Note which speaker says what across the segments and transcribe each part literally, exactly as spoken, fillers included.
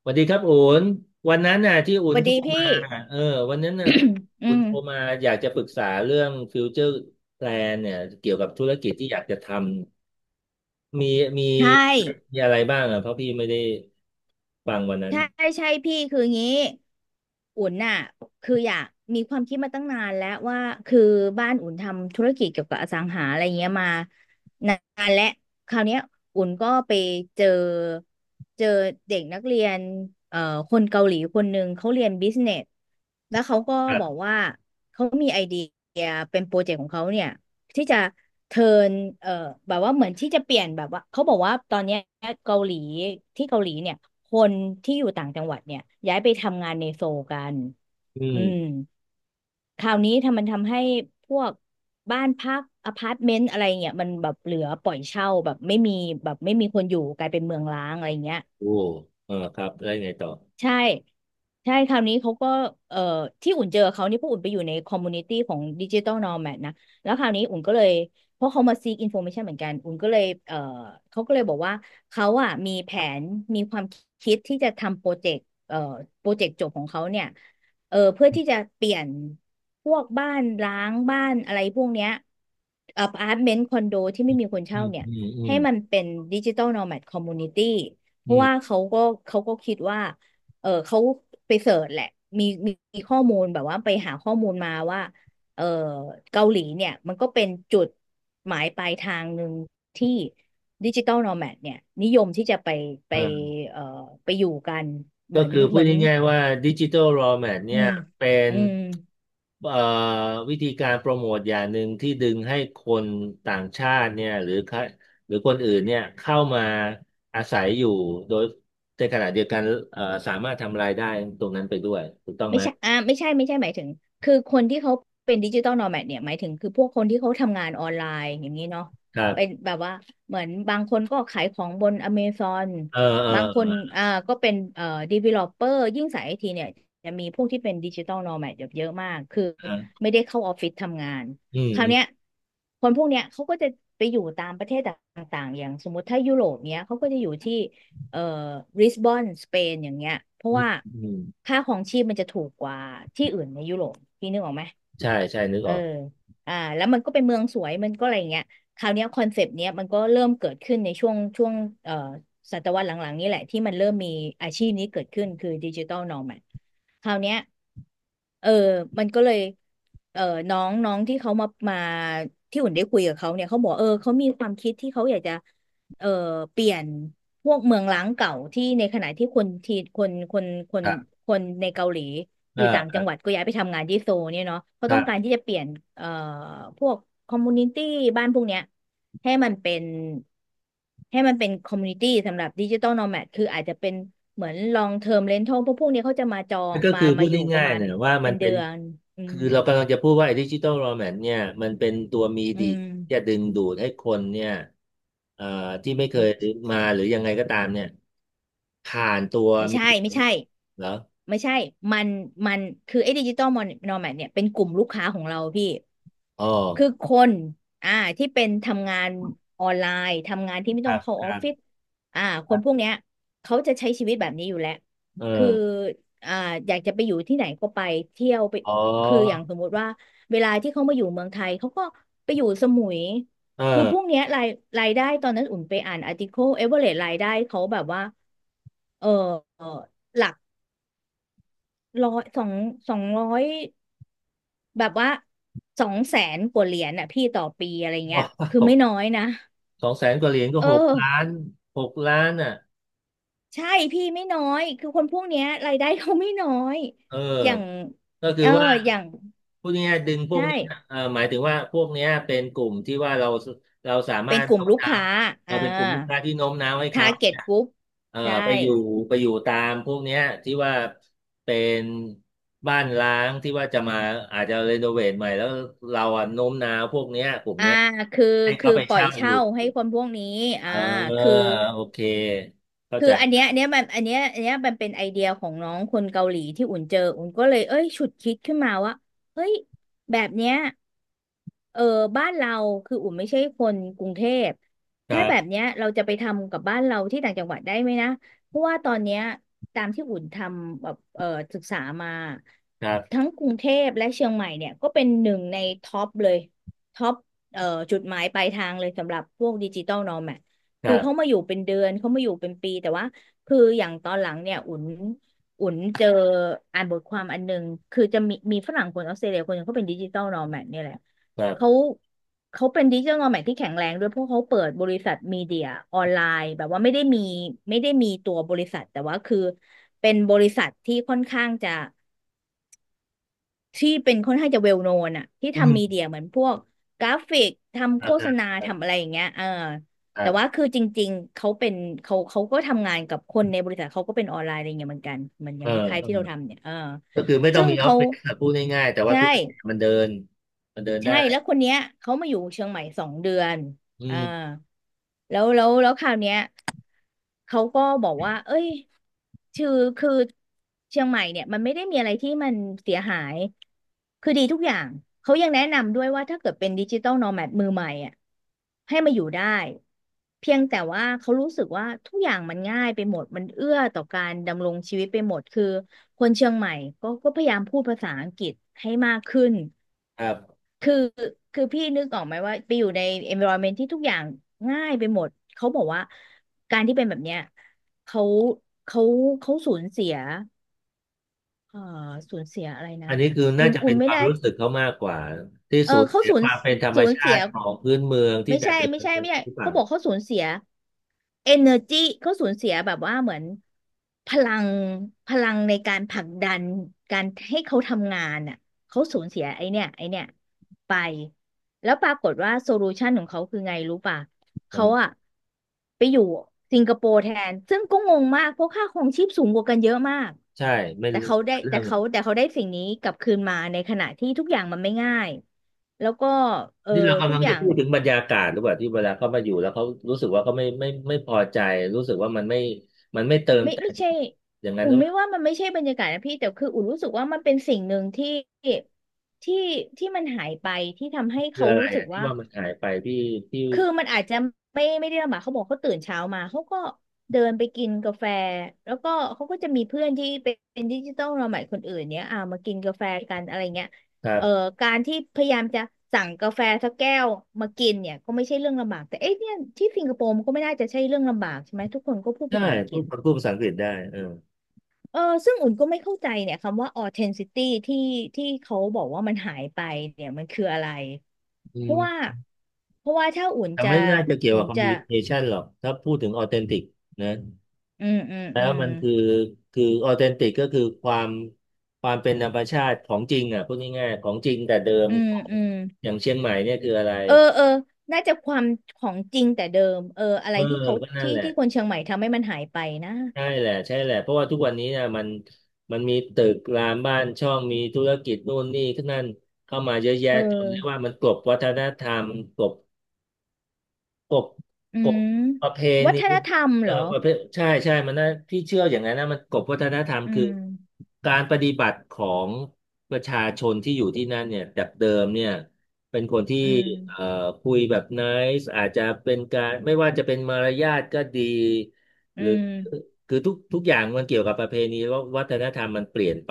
Speaker 1: สวัสดีครับอุ่นวันนั้นน่ะที่อุ่
Speaker 2: ส
Speaker 1: น
Speaker 2: วัส
Speaker 1: โทร
Speaker 2: ดี
Speaker 1: มา
Speaker 2: พี่
Speaker 1: เออวันนั้นน่ะ
Speaker 2: อื
Speaker 1: อุ่น
Speaker 2: ม
Speaker 1: โทรมาอยากจะปรึกษาเรื่องฟิวเจอร์แพลนเนี่ยเกี่ยวกับธุรกิจที่อยากจะทำมีมี
Speaker 2: ใช่
Speaker 1: มีอะไรบ้างอ่ะเพราะพี่ไม่ได้ฟังวันนั้น
Speaker 2: ใช่ใช่พี่คืองี้อุ่นน่ะคืออยากมีความคิดมาตั้งนานแล้วว่าคือบ้านอุ่นทำธุรกิจเกี่ยวกับอสังหาอะไรเงี้ยมานานและคราวเนี้ยอุ่นก็ไปเจอเจอเด็กนักเรียนเอ่อคนเกาหลีคนหนึ่งเขาเรียนบิสเนสแล้วเขาก็
Speaker 1: ค
Speaker 2: บอก
Speaker 1: รับ
Speaker 2: ว่าเขามีไอเดียเป็นโปรเจกต์ของเขาเนี่ย ที่จะเทิร์นเอ่อแบบว่าเหมือนที่จะเปลี่ยนแบบว่าเขาบอกว่าตอนเนี้ยเกาหลีที่เกาหลีเนี่ยคนที่อยู่ต่างจังหวัดเนี่ยย้ายไปทำงานในโซลกัน
Speaker 1: อื
Speaker 2: อื
Speaker 1: ม
Speaker 2: มคราวนี้ทำมันทำให้พวกบ้านพักอพาร์ตเมนต์อะไรเงี้ยมันแบบเหลือปล่อยเช่าแบบไม่มีแบบไม่มีคนอยู่กลายเป็นเมืองร้างอะไรเงี้ย
Speaker 1: โอ้เออครับแล้วงไงต่อ
Speaker 2: ใช่ใช่คราวนี้เขาก็เอ่อที่อุ่นเจอเขานี่เพราะอุ่นไปอยู่ในคอมมูนิตี้ของดิจิตอลนอมแมนะ แล้วคราวนี้อุ่นก็เลย เพราะเขามาซีกอินโฟ a t ชันเหมือนกัน อุ่นก็เลยเอ่อเขาก็เลยบอกว่า เขาอ่ะมีแผนมีความคิดที่จะทำโปรเจกต์เอ่อโปรเจกต์จบของเขาเนี่ยเออเพื่อที่จะเปลี่ยนพวกบ้านร้างบ้านอะไรพวกเนี้ยอพาร์ตเมนต์คอนโดที่ไม่มีคน
Speaker 1: อื
Speaker 2: เช่า
Speaker 1: ม
Speaker 2: เนี่ย
Speaker 1: อืมอื
Speaker 2: ให้
Speaker 1: ม
Speaker 2: มันเป็นดิจิตอลนอมแมคอมมูนิตี้เพ
Speaker 1: อื
Speaker 2: ราะ
Speaker 1: มอ
Speaker 2: ว่า
Speaker 1: ม
Speaker 2: เขาก็เขาก็คิดว่า เออเขาไปเสิร์ชแหละมีมีมีข้อมูลแบบว่าไปหาข้อมูลมาว่าเออเกาหลีเนี่ยมันก็เป็นจุดหมายปลายทางหนึ่งที่ดิจิ t a ลน m a แม d เนี่ยนิยมที่จะไปไป
Speaker 1: อ่า
Speaker 2: เอ่อไปอยู่กันเห
Speaker 1: ก็
Speaker 2: มือน
Speaker 1: คือพู
Speaker 2: เหมื
Speaker 1: ด
Speaker 2: อน
Speaker 1: ง่ายๆว่าดิจิ t a ล raw mat
Speaker 2: อื
Speaker 1: เนี่ย
Speaker 2: ม
Speaker 1: เป็น
Speaker 2: อืม
Speaker 1: เอ่อวิธีการโปรโมทอย่างหนึ่งที่ดึงให้คนต่างชาติเนี่ยหรือค่หรือคนอื่นเนี่ยเข้ามาอาศัยอยู่โดยในขณะเดียวกันเอ่อสามารถทำรายได้ตรงนั้นไปด้วยถูกต้อง
Speaker 2: ไม่
Speaker 1: ไหม
Speaker 2: ใช่อ่าไม่ใช่ ไม่ใช่ หมายถึงคือคนที่เขาเป็นดิจิตอลโนแมดเนี่ยหมายถึง คือพวกคนที่เขาทำงานออนไลน์ อย่างนี้เนาะ
Speaker 1: ครั
Speaker 2: เป็น
Speaker 1: บ
Speaker 2: แบบว่าเหมือนบางคนก็ขายของบนอเมซอน
Speaker 1: เออเออ
Speaker 2: บางค
Speaker 1: เอ
Speaker 2: น
Speaker 1: อ
Speaker 2: อ่าก็เป็นเอ่อดีเวลลอปเปอร์ยิ่งสายไอทีเนี่ยจะมีพวกที่เป็นดิจิตอลโนแมดเยอะมาก คือ
Speaker 1: อ่ะ
Speaker 2: ไม่ได้เข้าออฟฟิศทำงาน
Speaker 1: อืม
Speaker 2: คราว
Speaker 1: อืม
Speaker 2: เนี้ยคนพวกเนี้ยเขาก็จะไปอยู่ตามประเทศต่างๆอย่างสมมติถ้ายุโรปเนี้ยเขาก็จะอยู่ที่ เอ่อบริสบอนสเปนอย่างเงี้ยเพราะ
Speaker 1: อืม
Speaker 2: ว่า
Speaker 1: อืม
Speaker 2: ค่าของชีพมันจะถูกกว่าที่อื่นในยุโรปพี่นึกออกไหม
Speaker 1: ใช่ใช่นึก
Speaker 2: เอ
Speaker 1: อ
Speaker 2: อ
Speaker 1: อก
Speaker 2: อ่าแล้วมันก็เป็นเมืองสวยมันก็อะไรอย่างเงี้ยคราวเนี้ยคอนเซปต์เนี้ยมันก็เริ่มเกิดขึ้นในช่วงช่วงเอ่อศตวรรษหลังๆนี่แหละที่มันเริ่มมีอาชีพนี้เกิดขึ้นคือดิจิ t a ลนอ m a d คราวเนี้ยเออมันก็เลยเออน้องน้องที่เขามามาที่อุ่นได้คุยกับเขาเนี่ยเขาบอกเออเขามีความคิดที่เขาอยากจะ เอ่อเปลี่ยนพวกเมืองร้างเก่าที่ในขณะที่คนที่คนคนคน
Speaker 1: ครับ
Speaker 2: คนในเกาหลีอ
Speaker 1: เออ
Speaker 2: ยู่ต่าง
Speaker 1: ค
Speaker 2: จั
Speaker 1: รั
Speaker 2: ง
Speaker 1: บ
Speaker 2: หวัดก็ย้ายไปทำงานที่โซลเนี่ยเนาะเขา
Speaker 1: ค
Speaker 2: ต้
Speaker 1: รั
Speaker 2: องการ
Speaker 1: บ
Speaker 2: ที่จะเปลี่ยนเอ่อพวกคอมมูนิตี้บ้านพวกเนี้ยให้มันเป็นให้มันเป็นคอมมูนิตี้สำหรับดิจิ t a ลโนแมดคืออาจจะเป็นเหมือนลองเทอมเรนทัลพวกพวกเนี้ยเขาจะมาจอง
Speaker 1: นั่นก็
Speaker 2: มา
Speaker 1: คือพู
Speaker 2: มา
Speaker 1: ด
Speaker 2: อยู่ประ
Speaker 1: ง่าย
Speaker 2: มาณ
Speaker 1: ๆนะว่ามั
Speaker 2: เป็
Speaker 1: น
Speaker 2: นเดื
Speaker 1: เป็น
Speaker 2: อนอื
Speaker 1: คื
Speaker 2: ม
Speaker 1: อเรากำลังจะพูดว่าไอ้ดิจิตอลโรแมนเนี่ยมันเป็นตัวมี
Speaker 2: อื
Speaker 1: ดี่จะ
Speaker 2: ม
Speaker 1: ดึงดูดให้คนเนี่ยเอ่อที่ไม่เค
Speaker 2: ไม่
Speaker 1: ยมาหรือยังไงก็ตามเนี่ยผ่านตัว
Speaker 2: ไม่
Speaker 1: มี
Speaker 2: ใช่
Speaker 1: ดี
Speaker 2: ไม่ใช่
Speaker 1: เหรอ
Speaker 2: ไม่ใช่ มันมันคือไอ้ดิจิตอลนอแมดเนี่ยเป็นกลุ่มลูกค้าของเราพี่
Speaker 1: อ๋อ
Speaker 2: คือคนอ่าที่เป็นทำงานออนไลน์ทำงานที่ไม่
Speaker 1: ครั
Speaker 2: ต้อง
Speaker 1: บ
Speaker 2: เข้า
Speaker 1: ค
Speaker 2: ออ
Speaker 1: รั
Speaker 2: ฟฟิศ
Speaker 1: บ
Speaker 2: อ่าค
Speaker 1: ครั
Speaker 2: นพวก
Speaker 1: บ
Speaker 2: เนี้ยเขาจะใช้ชีวิตแบบนี้อยู่แล้ว
Speaker 1: เออ
Speaker 2: คืออ่าอยากจะไปอยู่ที่ไหนก็ไปเที่ยวไป
Speaker 1: อ๋
Speaker 2: คืออย่าง
Speaker 1: อ
Speaker 2: สมมุติว่า เวลาที่เขามาอยู่เมืองไทย เขาก็ไปอยู่สมุย
Speaker 1: เอ
Speaker 2: คือ
Speaker 1: อ
Speaker 2: พวกเนี้ยรายรายได้ตอนนั้นอุ่นไปอ่านอาร์ติเคิลเอเวอเรสรายได้เขาแบบว่า เออเอ่อหลัก ร้อยสองสองร้อยแบบว่าสองแสนกว่าเหรียญอ่ะพี่ต่อปีอะไร เงี้ย
Speaker 1: ว้า
Speaker 2: คือ
Speaker 1: ว
Speaker 2: ไม่น้อยนะ
Speaker 1: สองแสนกว่าเหรียญก็
Speaker 2: เอ
Speaker 1: หกล้า
Speaker 2: อ
Speaker 1: นหกล้านอ่ะ
Speaker 2: ใช่พี่ไม่น้อยคือคนพวกเนี้ยรายได้เขาไม่น้อย
Speaker 1: เออ
Speaker 2: อย่าง
Speaker 1: ก็คื
Speaker 2: เอ
Speaker 1: อ
Speaker 2: อ
Speaker 1: ว่า
Speaker 2: อย่าง
Speaker 1: พูดง่ายๆดึงพ
Speaker 2: ใช
Speaker 1: วกนี้นะ
Speaker 2: ่
Speaker 1: เอ่อหมายถึงว่าพวกเนี้ยเป็นกลุ่มที่ว่าเราเราสามา
Speaker 2: เป็น
Speaker 1: รถ
Speaker 2: กลุ่ม
Speaker 1: โน้ม
Speaker 2: ลูก
Speaker 1: น้าว
Speaker 2: ค้า
Speaker 1: เออ
Speaker 2: อ่า
Speaker 1: เป็นกลุ่มลูกค้าที่โน้มน้าวให้เขา
Speaker 2: target
Speaker 1: เนี่ย
Speaker 2: group
Speaker 1: เอ่อ
Speaker 2: ใช่
Speaker 1: ไปอยู่ไปอยู่ตามพวกเนี้ยที่ว่าเป็นบ้านร้างที่ว่าจะมาอาจจะรีโนเวทใหม่แล้วเราอะโน้มน้าวพวกเนี้ยกลุ่ม
Speaker 2: อ่า
Speaker 1: เนี้ย
Speaker 2: คือ
Speaker 1: ให้
Speaker 2: คื
Speaker 1: เขา
Speaker 2: อ
Speaker 1: ไป
Speaker 2: ปล่อย
Speaker 1: เช่าอ
Speaker 2: เช่า
Speaker 1: ยู่
Speaker 2: ให้คนพวกนี้
Speaker 1: เอ
Speaker 2: อ่า
Speaker 1: อ
Speaker 2: คือ
Speaker 1: โอเคเข้า
Speaker 2: คือ
Speaker 1: ใจ
Speaker 2: อันเนี้ยอันเนี้ยมันอันเนี้ยอันเนี้ยมันเป็นไอเดียของน้องคนเกาหลีที่อุ่นเจออุ่นก็เลยเอ้ยฉุดคิดขึ้นมาว่าเฮ้ยแบบเนี้ยเออบ้านเราคืออุ่นไม่ใช่คนกรุงเทพ
Speaker 1: ครั
Speaker 2: ถ้าแบบ
Speaker 1: บ
Speaker 2: เนี้ยเราจะไปทำกับบ้านเราที่ต่างจังหวัดได้ไหมนะเพราะว่าตอนเนี้ยตามที่อุ่นทำแบบเออศึกษามา
Speaker 1: ครับ
Speaker 2: ทั้งกรุงเทพและเชียงใหม่เนี่ยก็เป็นหนึ่งในท็อปเลยท็อปเอ่อจุดหมายปลายทางเลยสำหรับพวกดิจิตอลโนแม
Speaker 1: ค
Speaker 2: คื
Speaker 1: รั
Speaker 2: อเขามา
Speaker 1: บ
Speaker 2: อยู่เป็นเดือนเขามาอยู่เป็นปีแต่ว่าคืออย่างตอนหลังเนี่ยอุ่นอุ่นเจออ่านบทความอันหนึ่งคือจะมีมีฝรั่งคนออสเตรเลียคนหนึงเขาเป็นดิจิตอลนอแมดเนี่ยแหละ
Speaker 1: ครั
Speaker 2: เขา
Speaker 1: บ
Speaker 2: เขาเป็นดิจิตอลนอแมดที่แข็งแรงด้วยเพราะเขาเปิดบริษัทมีเดียออนไลน์แบบว่าไม่ได้มีไม่ได้มีตัวบริษัทแต่ว่าคือเป็นบริษัทที่ค่อนข้างจะ ที่เป็นค่อนข้างจะเวลโนนอะที่
Speaker 1: อื
Speaker 2: ทำมี
Speaker 1: ม
Speaker 2: เดียเหมือนพวกกราฟิก
Speaker 1: ค
Speaker 2: ทำโฆ
Speaker 1: รับครั
Speaker 2: ษ
Speaker 1: บ
Speaker 2: ณา
Speaker 1: ค
Speaker 2: ทำ
Speaker 1: รั
Speaker 2: อะ
Speaker 1: บ
Speaker 2: ไรอย่างเงี้ยเออ
Speaker 1: ครั
Speaker 2: แต่ว่า
Speaker 1: บ
Speaker 2: คือจริงๆเขาเป็นเขาเขาก็ทำงานกับคนในบริษัทเขาก็เป็นออนไลน์อะไรเงี้ยเหมือนกันเหมันอ
Speaker 1: เอ
Speaker 2: ย่างคล้ายๆที่เรา
Speaker 1: อ
Speaker 2: ทำเนี่ยเออ
Speaker 1: ก็คือไม่ต้อ
Speaker 2: ซึ่
Speaker 1: ง
Speaker 2: ง
Speaker 1: มีออฟ
Speaker 2: เขา
Speaker 1: ฟิศอะพูดง่ายๆแต่ว่า
Speaker 2: ใช่
Speaker 1: ธุรกิจมันเดินมันเดิน
Speaker 2: ใช่
Speaker 1: ได้
Speaker 2: แล้วคนเนี้ยเขามาอยู่เชียงใหม่สองเดือน
Speaker 1: อื
Speaker 2: อ่า
Speaker 1: ม
Speaker 2: แล้วแล้วแล้วคราวเนี้ย เขาก็บอกว่า เอ้ยคือคือเชียงใหม่เนี่ย มันไม่ได้มีอะไรที่มันเสียหาย คือดีทุกอย่าง เขายังแนะนำด้วยว่าถ้าเกิดเป็นดิจิตอลโนแมดมือใหม่อ่ะให้มาอยู่ได้ เพียงแต่ว่าเขารู้สึกว่าทุกอย่างมันง่ายไปหมด มันเอื้อต่อการดำรงชีวิตไปหมด คือคนเชียงใหม่ก็ก็พยายามพูดภาษาอังกฤษให้มากขึ้น
Speaker 1: ครับ
Speaker 2: คือคือพี่นึกออกไหมว่าไปอยู่ใน environment ที่ทุกอย่างง่ายไปหมดเขาบอกว่าการที่เป็นแบบเนี้ยเขาเขาเขาสูญเสียเอ่อสูญเสียอะไรนะ
Speaker 1: อันนี้คือ
Speaker 2: อุ่
Speaker 1: น่า
Speaker 2: น
Speaker 1: จะ
Speaker 2: อุ่
Speaker 1: เป็
Speaker 2: น
Speaker 1: นค
Speaker 2: ไม่
Speaker 1: วาม
Speaker 2: ได้
Speaker 1: รู้สึกเขามากกว่าที่
Speaker 2: เออ
Speaker 1: สูญ
Speaker 2: เขา
Speaker 1: เสีย
Speaker 2: สู
Speaker 1: ค
Speaker 2: ญ
Speaker 1: วามเป็นธรรม
Speaker 2: สูญ
Speaker 1: ชา
Speaker 2: เสีย
Speaker 1: ติของพื้นเมืองที่
Speaker 2: ไม่
Speaker 1: แต่
Speaker 2: ใช่
Speaker 1: เดิ
Speaker 2: ไม่
Speaker 1: ม
Speaker 2: ใช่ไม่ใช่
Speaker 1: หรือเปล่า
Speaker 2: เขาบอกเขาสูญเสีย energy เขาสูญเสียแบบว่าเหมือนพลังพลังในการผลักดันการให้เขาทำงานอ่ะเขาสูญเสียไอเนี่ยไอเนี่ยไปแล้วปรากฏว่าโซลูชันของเขาคือไงรู้ป่ะเขาอะ
Speaker 1: จ
Speaker 2: ไปอยู่สิงคโปร์แทนซึ่งก็งงมากเพราะค่าครองชีพสูงกว่ากันเยอะมาก
Speaker 1: ำใช่ไม่
Speaker 2: แต่
Speaker 1: รู้
Speaker 2: เขาได้
Speaker 1: เรื่
Speaker 2: แต่
Speaker 1: อง
Speaker 2: เขาแต่เขาได้สิ่งนี้กลับคืนมาในขณะที่ทุกอย่างมันไม่ง่ายแล้วก็เออ
Speaker 1: นี่เรา
Speaker 2: ทุ
Speaker 1: กำ
Speaker 2: ก
Speaker 1: ลัง
Speaker 2: อ
Speaker 1: จะ
Speaker 2: ย่าง
Speaker 1: พูดถึงบรรยากาศหรือเปล่าที่เวลาเขามาอยู่แล้วเขารู้สึกว่าเขาไม่ไม่ไม่พอใจรู้สึกว่ามันไม่มันไม่เติม
Speaker 2: ไม่
Speaker 1: แต่
Speaker 2: ไม่
Speaker 1: ง
Speaker 2: ใช่
Speaker 1: อย่างนั้นห
Speaker 2: อุ่
Speaker 1: รื
Speaker 2: น
Speaker 1: อ
Speaker 2: ไม่
Speaker 1: ว่า
Speaker 2: ว่ามันไม่ใช่บรรยากาศนะพี่แต่คืออุ่นรู้สึกว่ามันเป็นสิ่งหนึ่งที่ที่ที่มันหายไปที่ทำให้
Speaker 1: คือ
Speaker 2: เขา
Speaker 1: อะไร
Speaker 2: รู้สึก
Speaker 1: อ่ะที่
Speaker 2: ว่า
Speaker 1: ว่ามันหายไปพี่พี่
Speaker 2: คือมันอาจจะไม่ไม่ได้ลำบากเขาบอกเขาตื่นเช้ามาเขาก็เดินไปกินกาแฟแล้วก็เขาก็จะมีเพื่อนที่เป็นดิจิตอลเราใหม่คนอื่นเนี้ยอ่ามากินกาแฟกันอะไรเงี้ย
Speaker 1: ครั
Speaker 2: เอ่อ
Speaker 1: บ
Speaker 2: การที่พยายามจะสั่งกาแฟสักแก้วมากินเนี่ยก็ไม่ใช่เรื่องลำบากแต่เอ๊ะเนี่ยที่สิงคโปร์มันก็ไม่น่าจะใช่เรื่องลำบากใช่ไหมทุกคนก็พูด
Speaker 1: ใช่
Speaker 2: ภาษาอังก
Speaker 1: พู
Speaker 2: ฤ
Speaker 1: ด
Speaker 2: ษ
Speaker 1: พูดภาษาอังกฤษได้เออ
Speaker 2: เออซึ่งอุ่นก็ไม่เข้าใจเนี่ยคำว่า authenticity ที่ที่เขาบอกว่ามันหายไปเนี่ยมันคืออะไร
Speaker 1: อื
Speaker 2: เพราะว่า
Speaker 1: ม
Speaker 2: เพราะว่าถ้าอุ่น
Speaker 1: แต่
Speaker 2: จะ
Speaker 1: ไม่น่าจะเกี่ยว
Speaker 2: อุ่
Speaker 1: กับ
Speaker 2: น
Speaker 1: คอม
Speaker 2: จะ
Speaker 1: มิวนิเคชันหรอกถ้าพูดถึงออเทนติกนะ
Speaker 2: อืมอืม
Speaker 1: แล้
Speaker 2: อื
Speaker 1: ว
Speaker 2: ม
Speaker 1: มันคือคือออเทนติกก็คือความความเป็นธรรมชาติของจริงอ่ะพูดง่ายๆของจริงแต่เดิม
Speaker 2: อืม
Speaker 1: ของ
Speaker 2: อืม
Speaker 1: อย่างเชียงใหม่เนี่ยคืออะไร
Speaker 2: เออเออน่าจะความของจริงแต่เดิมเอออะไร
Speaker 1: เออ
Speaker 2: ที่เขา
Speaker 1: ก็นั่น
Speaker 2: ที่
Speaker 1: แหละ
Speaker 2: ที่คนเชียงใหม่ทำให้มันหายไปนะ
Speaker 1: ใช่แหละใช่แหละเพราะว่าทุกวันนี้นะมันมันมีตึกรามบ้านช่องมีธุรกิจนู่นนี่ขึ้นนั่นเข้ามาเยอะแยะ
Speaker 2: เออ
Speaker 1: จนเรียกว่ามันกลบวัฒนธรรมกลบ กบ
Speaker 2: อื
Speaker 1: กบ
Speaker 2: ม
Speaker 1: ประเพ
Speaker 2: วั
Speaker 1: ณี
Speaker 2: ฒนธรรม
Speaker 1: เอ
Speaker 2: เห
Speaker 1: อ
Speaker 2: รอ
Speaker 1: ประเพใช่ใช่มันนะพี่เชื่ออย่างนั้นนะมันกบวัฒนธรรม
Speaker 2: อื
Speaker 1: คือ
Speaker 2: ม
Speaker 1: การปฏิบัติของประชาชนที่อยู่ที่นั่นเนี่ยจากเดิมเนี่ยเป็นคนที่
Speaker 2: อื
Speaker 1: เอ่อ
Speaker 2: ม
Speaker 1: คุยแบบไนซ์อาจจะเป็นการไม่ว่าจะเป็นมารยาทก็ดี
Speaker 2: อื
Speaker 1: หรือ
Speaker 2: ม
Speaker 1: คือทุกทุกอย่างมันเกี่ยวกับประเพณีว่าวัฒนธรรมมันเปลี่ยนไป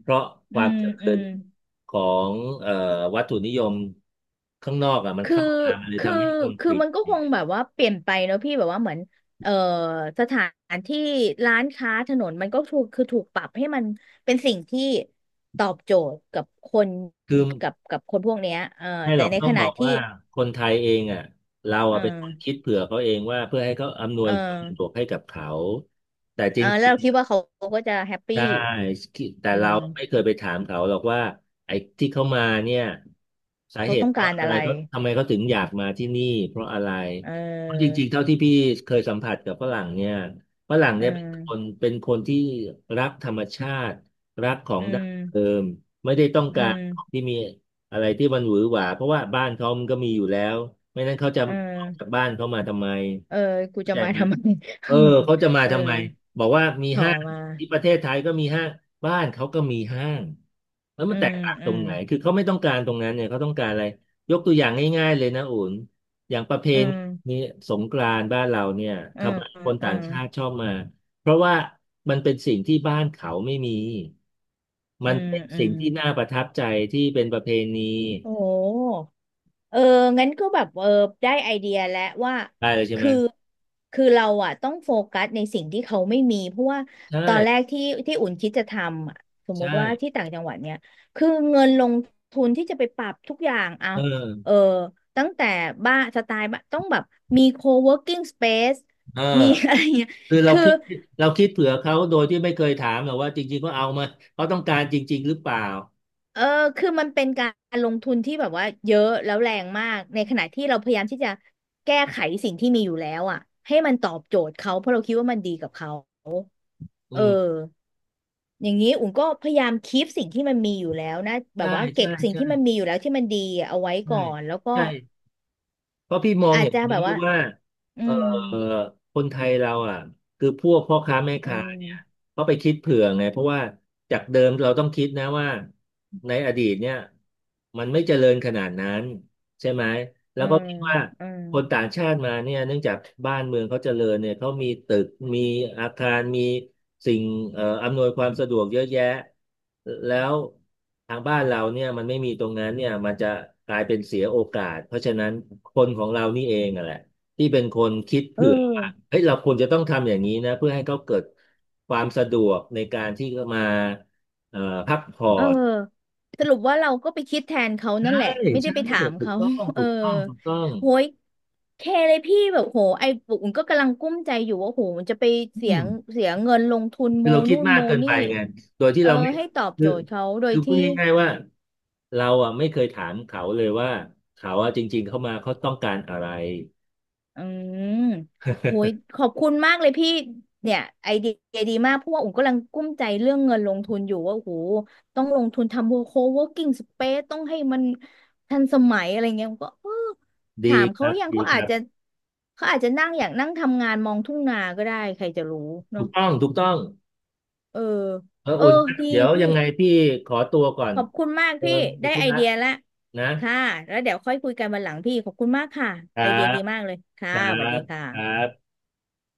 Speaker 1: เพราะค
Speaker 2: อื
Speaker 1: วาม
Speaker 2: ม
Speaker 1: เจริ
Speaker 2: อื
Speaker 1: ญ
Speaker 2: ม
Speaker 1: ของเอ่อวัตถุนิยมข้างนอกอ่ะมัน
Speaker 2: คือ
Speaker 1: เข้ามามันเลย
Speaker 2: คือ
Speaker 1: ทำให้คน
Speaker 2: คือ
Speaker 1: ติด
Speaker 2: มันก็คงแบบว่าเปลี่ยนไปเนอะพี่แบบว่าเหมือนเอ่อสถานที่ร้านค้าถนนมันก็ถูกคือถูกปรับให้มันเป็นสิ่งที่ตอบโจทย์กับคน
Speaker 1: คือ
Speaker 2: กับกับคนพวกเนี้ยเออ
Speaker 1: ไม่ห
Speaker 2: แต่
Speaker 1: รอก
Speaker 2: ใน
Speaker 1: ต้อ
Speaker 2: ข
Speaker 1: งบ
Speaker 2: ณะ
Speaker 1: อก
Speaker 2: ที่
Speaker 1: ว่าคนไทยเองอ่ะเรา
Speaker 2: เอ
Speaker 1: อ่ะ
Speaker 2: อ
Speaker 1: เป็นคนคิดเผื่อเขาเองว่าเพื่อให้เขาอำนว
Speaker 2: เอ
Speaker 1: ย
Speaker 2: อ
Speaker 1: ความสะดวกให้กับเขาแต่จ
Speaker 2: เอ
Speaker 1: ริ
Speaker 2: อ
Speaker 1: ง
Speaker 2: แล้วเราคิดว่าเขาก็จะแฮปปี้
Speaker 1: ได้คิดแต่
Speaker 2: อื
Speaker 1: เราไม่เค
Speaker 2: ม
Speaker 1: ยไปถามเขาหรอกว่าไอ้ที่เขามาเนี่ยสา
Speaker 2: เขา
Speaker 1: เห
Speaker 2: ต้
Speaker 1: ตุ
Speaker 2: อง
Speaker 1: เพราะ
Speaker 2: การ
Speaker 1: อะ
Speaker 2: อะ
Speaker 1: ไร
Speaker 2: ไร
Speaker 1: เขาทำไมเขาถึงอยากมาที่นี่เพราะอะไร
Speaker 2: เ
Speaker 1: เพราะจ
Speaker 2: ออ
Speaker 1: ริงๆเท่าที่พี่เคยสัมผัสกับฝรั่งเนี่ยฝรั่ง
Speaker 2: เออ
Speaker 1: เนี่ยเป็นคนเป็นคนที่รักธรรมชาติรักของ
Speaker 2: อื
Speaker 1: ดั้ง
Speaker 2: ม
Speaker 1: เดิมไม่ได้ต้อง
Speaker 2: อื
Speaker 1: การ
Speaker 2: ม
Speaker 1: ของที่มีอะไรที่มันหวือหวาเพราะว่าบ้านเขามันก็มีอยู่แล้วไม่นั้นเขาจะ
Speaker 2: เออ
Speaker 1: ออกจากบ้านเขามาทำไม
Speaker 2: เออกู
Speaker 1: เข้า
Speaker 2: จะ
Speaker 1: ใจ
Speaker 2: มา
Speaker 1: ไหม
Speaker 2: ทำไม
Speaker 1: เออเขา จะมา
Speaker 2: เออ
Speaker 1: ทำไมบอกว่ามี
Speaker 2: ต่อ
Speaker 1: ห้าง
Speaker 2: มา
Speaker 1: ที่ประเทศไทยก็มีห้างบ้านเขาก็มีห้างแล้ว
Speaker 2: อื
Speaker 1: มันแต
Speaker 2: ม
Speaker 1: กต่าง
Speaker 2: อื
Speaker 1: ตรง
Speaker 2: ม
Speaker 1: ไหนคือเขาไม่ต้องการตรงนั้นเนี่ยเขาต้องการอะไรยกตัวอย่างง่ายๆเลยนะอุ่นอย่างประเพ
Speaker 2: อืม
Speaker 1: ณีสงกรานต์บ้านเราเนี่ย
Speaker 2: อื
Speaker 1: ทำ
Speaker 2: ม
Speaker 1: ไมคน
Speaker 2: อื
Speaker 1: ต่าง
Speaker 2: ม
Speaker 1: ชาติชอบมาเพราะว่ามันเป็นสิ่งที่บ้านเขาไม่มี
Speaker 2: อื
Speaker 1: มัน
Speaker 2: ม
Speaker 1: เป็น
Speaker 2: อื
Speaker 1: สิ่ง
Speaker 2: ม
Speaker 1: ที่น่าประทับใจที่เป็นประเพณี
Speaker 2: โอ้โหเอองั้นก็แบบเออได้ไอเดียแล้วว่า
Speaker 1: ได้เลยใช่ไหม
Speaker 2: คือ คือเราอะต้องโฟกัสในสิ่งที่เขาไม่มีเพราะว่า
Speaker 1: ใช่
Speaker 2: ตอนแรกที่ที่อุ่นคิดจะทำอะสมม
Speaker 1: ใช่
Speaker 2: ติว่าที่ต่างจังหวัดเนี่ยคือเงินลงทุนที่จะไปปรับทุกอย่างอ่ะ
Speaker 1: เออ
Speaker 2: เออตั้งแต่บ้านสไตล์บ้านต้องแบบมี co-working space
Speaker 1: เออ
Speaker 2: มีอะไรเงี้ย
Speaker 1: คือเรา
Speaker 2: คือ
Speaker 1: คิดเราคิดเผื่อเขาโดยที่ไม่เคยถามหรอกว่าจริงๆเขาเอามาเขาต้องการจริงๆหรือเปล่า
Speaker 2: เออคือมันเป็นการลงทุนที่แบบว่าเยอะแล้วแรงมากในขณะที่เราพยายามที่จะแก้ไขสิ่งที่มีอยู่แล้วอ่ะให้มันตอบโจทย์เขาเพราะเราคิดว่ามันดีกับเขา
Speaker 1: อื
Speaker 2: เออ
Speaker 1: ม
Speaker 2: อย่างนี้อุ่นก็พยายามคีปสิ่งที่มันมีอยู่แล้วนะแบ
Speaker 1: ใช่
Speaker 2: บว่าเก็
Speaker 1: ใช่
Speaker 2: บสิ่งที่มัน
Speaker 1: ใช่
Speaker 2: มีอยู่แล้วที่มันดีอะเอาไว้
Speaker 1: ใช่
Speaker 2: ก่อนแล้วก็
Speaker 1: ใช่เพราะพี่มอง
Speaker 2: อา
Speaker 1: อ
Speaker 2: จ
Speaker 1: ย่าง
Speaker 2: จะแบ
Speaker 1: นี้
Speaker 2: บว่า
Speaker 1: ว่า
Speaker 2: อื
Speaker 1: เอ่
Speaker 2: ม
Speaker 1: อคนไทยเราอ่ะคือพวกพ่อค้าแม่
Speaker 2: อื
Speaker 1: ค้าเนี่ย
Speaker 2: ม
Speaker 1: เขาไปคิดเผื่อไงเพราะว่าจากเดิมเราต้องคิดนะว่าในอดีตเนี่ยมันไม่เจริญขนาดนั้น ใช่ไหมแล้
Speaker 2: อื
Speaker 1: วก็
Speaker 2: ม
Speaker 1: คิดว่า
Speaker 2: อืม
Speaker 1: คนต่างชาติมาเนี่ยเนื่องจากบ้านเมืองเขาเจริญเนี่ยเขามีตึกมีอาคารมีสิ่งเอ่ออำนวยความสะดวกเยอะแยะแล้วทางบ้านเราเนี่ยมันไม่มีตรงนั้นเนี่ยมันจะกลายเป็นเสียโอกาส เพราะฉะนั้นคนของเรานี่เองอะแหละที่เป็นคนคิด
Speaker 2: เอ
Speaker 1: เผื่อว่า
Speaker 2: อ
Speaker 1: เฮ้ยเราควรจะต้องทำอย่างนี้นะเพื่อให้เขาเกิดความสะดวกในการที่จะมาเอ่อพักผ่อ
Speaker 2: เออ
Speaker 1: น
Speaker 2: สรุปว่าเราก็ไปคิดแทนเขานั่น
Speaker 1: ใช่
Speaker 2: แหละไม่ได้
Speaker 1: ใช่
Speaker 2: ไปถาม
Speaker 1: ถูก
Speaker 2: เขา
Speaker 1: ต้อง
Speaker 2: เอ
Speaker 1: ถู
Speaker 2: อ
Speaker 1: กต้องถูกต้อง
Speaker 2: โหยแค่เลยพี่แบบโหไอ้ปุ๋มก็กำลังกุ้มใจอยู่ว่าโหมันจะไปเสี
Speaker 1: อื
Speaker 2: ยง
Speaker 1: ม
Speaker 2: เสียเงินลงทุน
Speaker 1: คื
Speaker 2: โม
Speaker 1: อเราคิด
Speaker 2: นู่น
Speaker 1: มาก
Speaker 2: โม
Speaker 1: เกินไป
Speaker 2: นี่
Speaker 1: ไงโดยที่
Speaker 2: เออ
Speaker 1: เราไม่
Speaker 2: ให้ตอบ
Speaker 1: คื
Speaker 2: โจ
Speaker 1: อ
Speaker 2: ทย์เขาโดย
Speaker 1: คือพูด
Speaker 2: ที่
Speaker 1: ง่ายๆว่าเราอ่ะไม่เคยถามเขาเลยว่าเขาอ่ะจริงๆเข้ามาเขาต้องการอะไร
Speaker 2: อืมโหยข อบคุณมากเลยพี่เนี่ยไอเดียดีมากเพราะว่าอุ๋มกำลังกุ้มใจเรื่องเงินลงทุนอยู่ว่าโอ้โหต้องลงทุนทำโคเวิร์กิ้งสเปซต้องให้มันทันสมัยอะไรเงี้ยอุ๋มก็เออถา
Speaker 1: ดี
Speaker 2: ม
Speaker 1: ค
Speaker 2: เขา
Speaker 1: รั
Speaker 2: ห
Speaker 1: บ
Speaker 2: รือยัง
Speaker 1: ดี
Speaker 2: เขา
Speaker 1: ค
Speaker 2: อาจ
Speaker 1: รับ
Speaker 2: จะเขาอาจจะนั่งอย่างนั่งทำงานมองทุ่งนาก็ได้ใครจะรู้
Speaker 1: ถู
Speaker 2: เนาะ
Speaker 1: กต้องถูกต้อง
Speaker 2: เออ
Speaker 1: เออ
Speaker 2: เออ
Speaker 1: อุ่น
Speaker 2: ดี
Speaker 1: เดี๋ยว
Speaker 2: พี่
Speaker 1: ยังไงพี่ขอตัวก่อน
Speaker 2: ขอบคุณมาก
Speaker 1: เออ
Speaker 2: พี่
Speaker 1: มี
Speaker 2: ได้
Speaker 1: ธุ
Speaker 2: ไอ
Speaker 1: ระ
Speaker 2: เดียละ
Speaker 1: นะ
Speaker 2: ค่ะแล้วเดี๋ยวค่อยคุยกันวันหลังพี่ขอบคุณมากค่ะ
Speaker 1: ครั
Speaker 2: ไอเดีย
Speaker 1: บ
Speaker 2: ดีมากเลยค่ะ
Speaker 1: ครั
Speaker 2: สวัสดี
Speaker 1: บ
Speaker 2: ค่ะ
Speaker 1: ครับ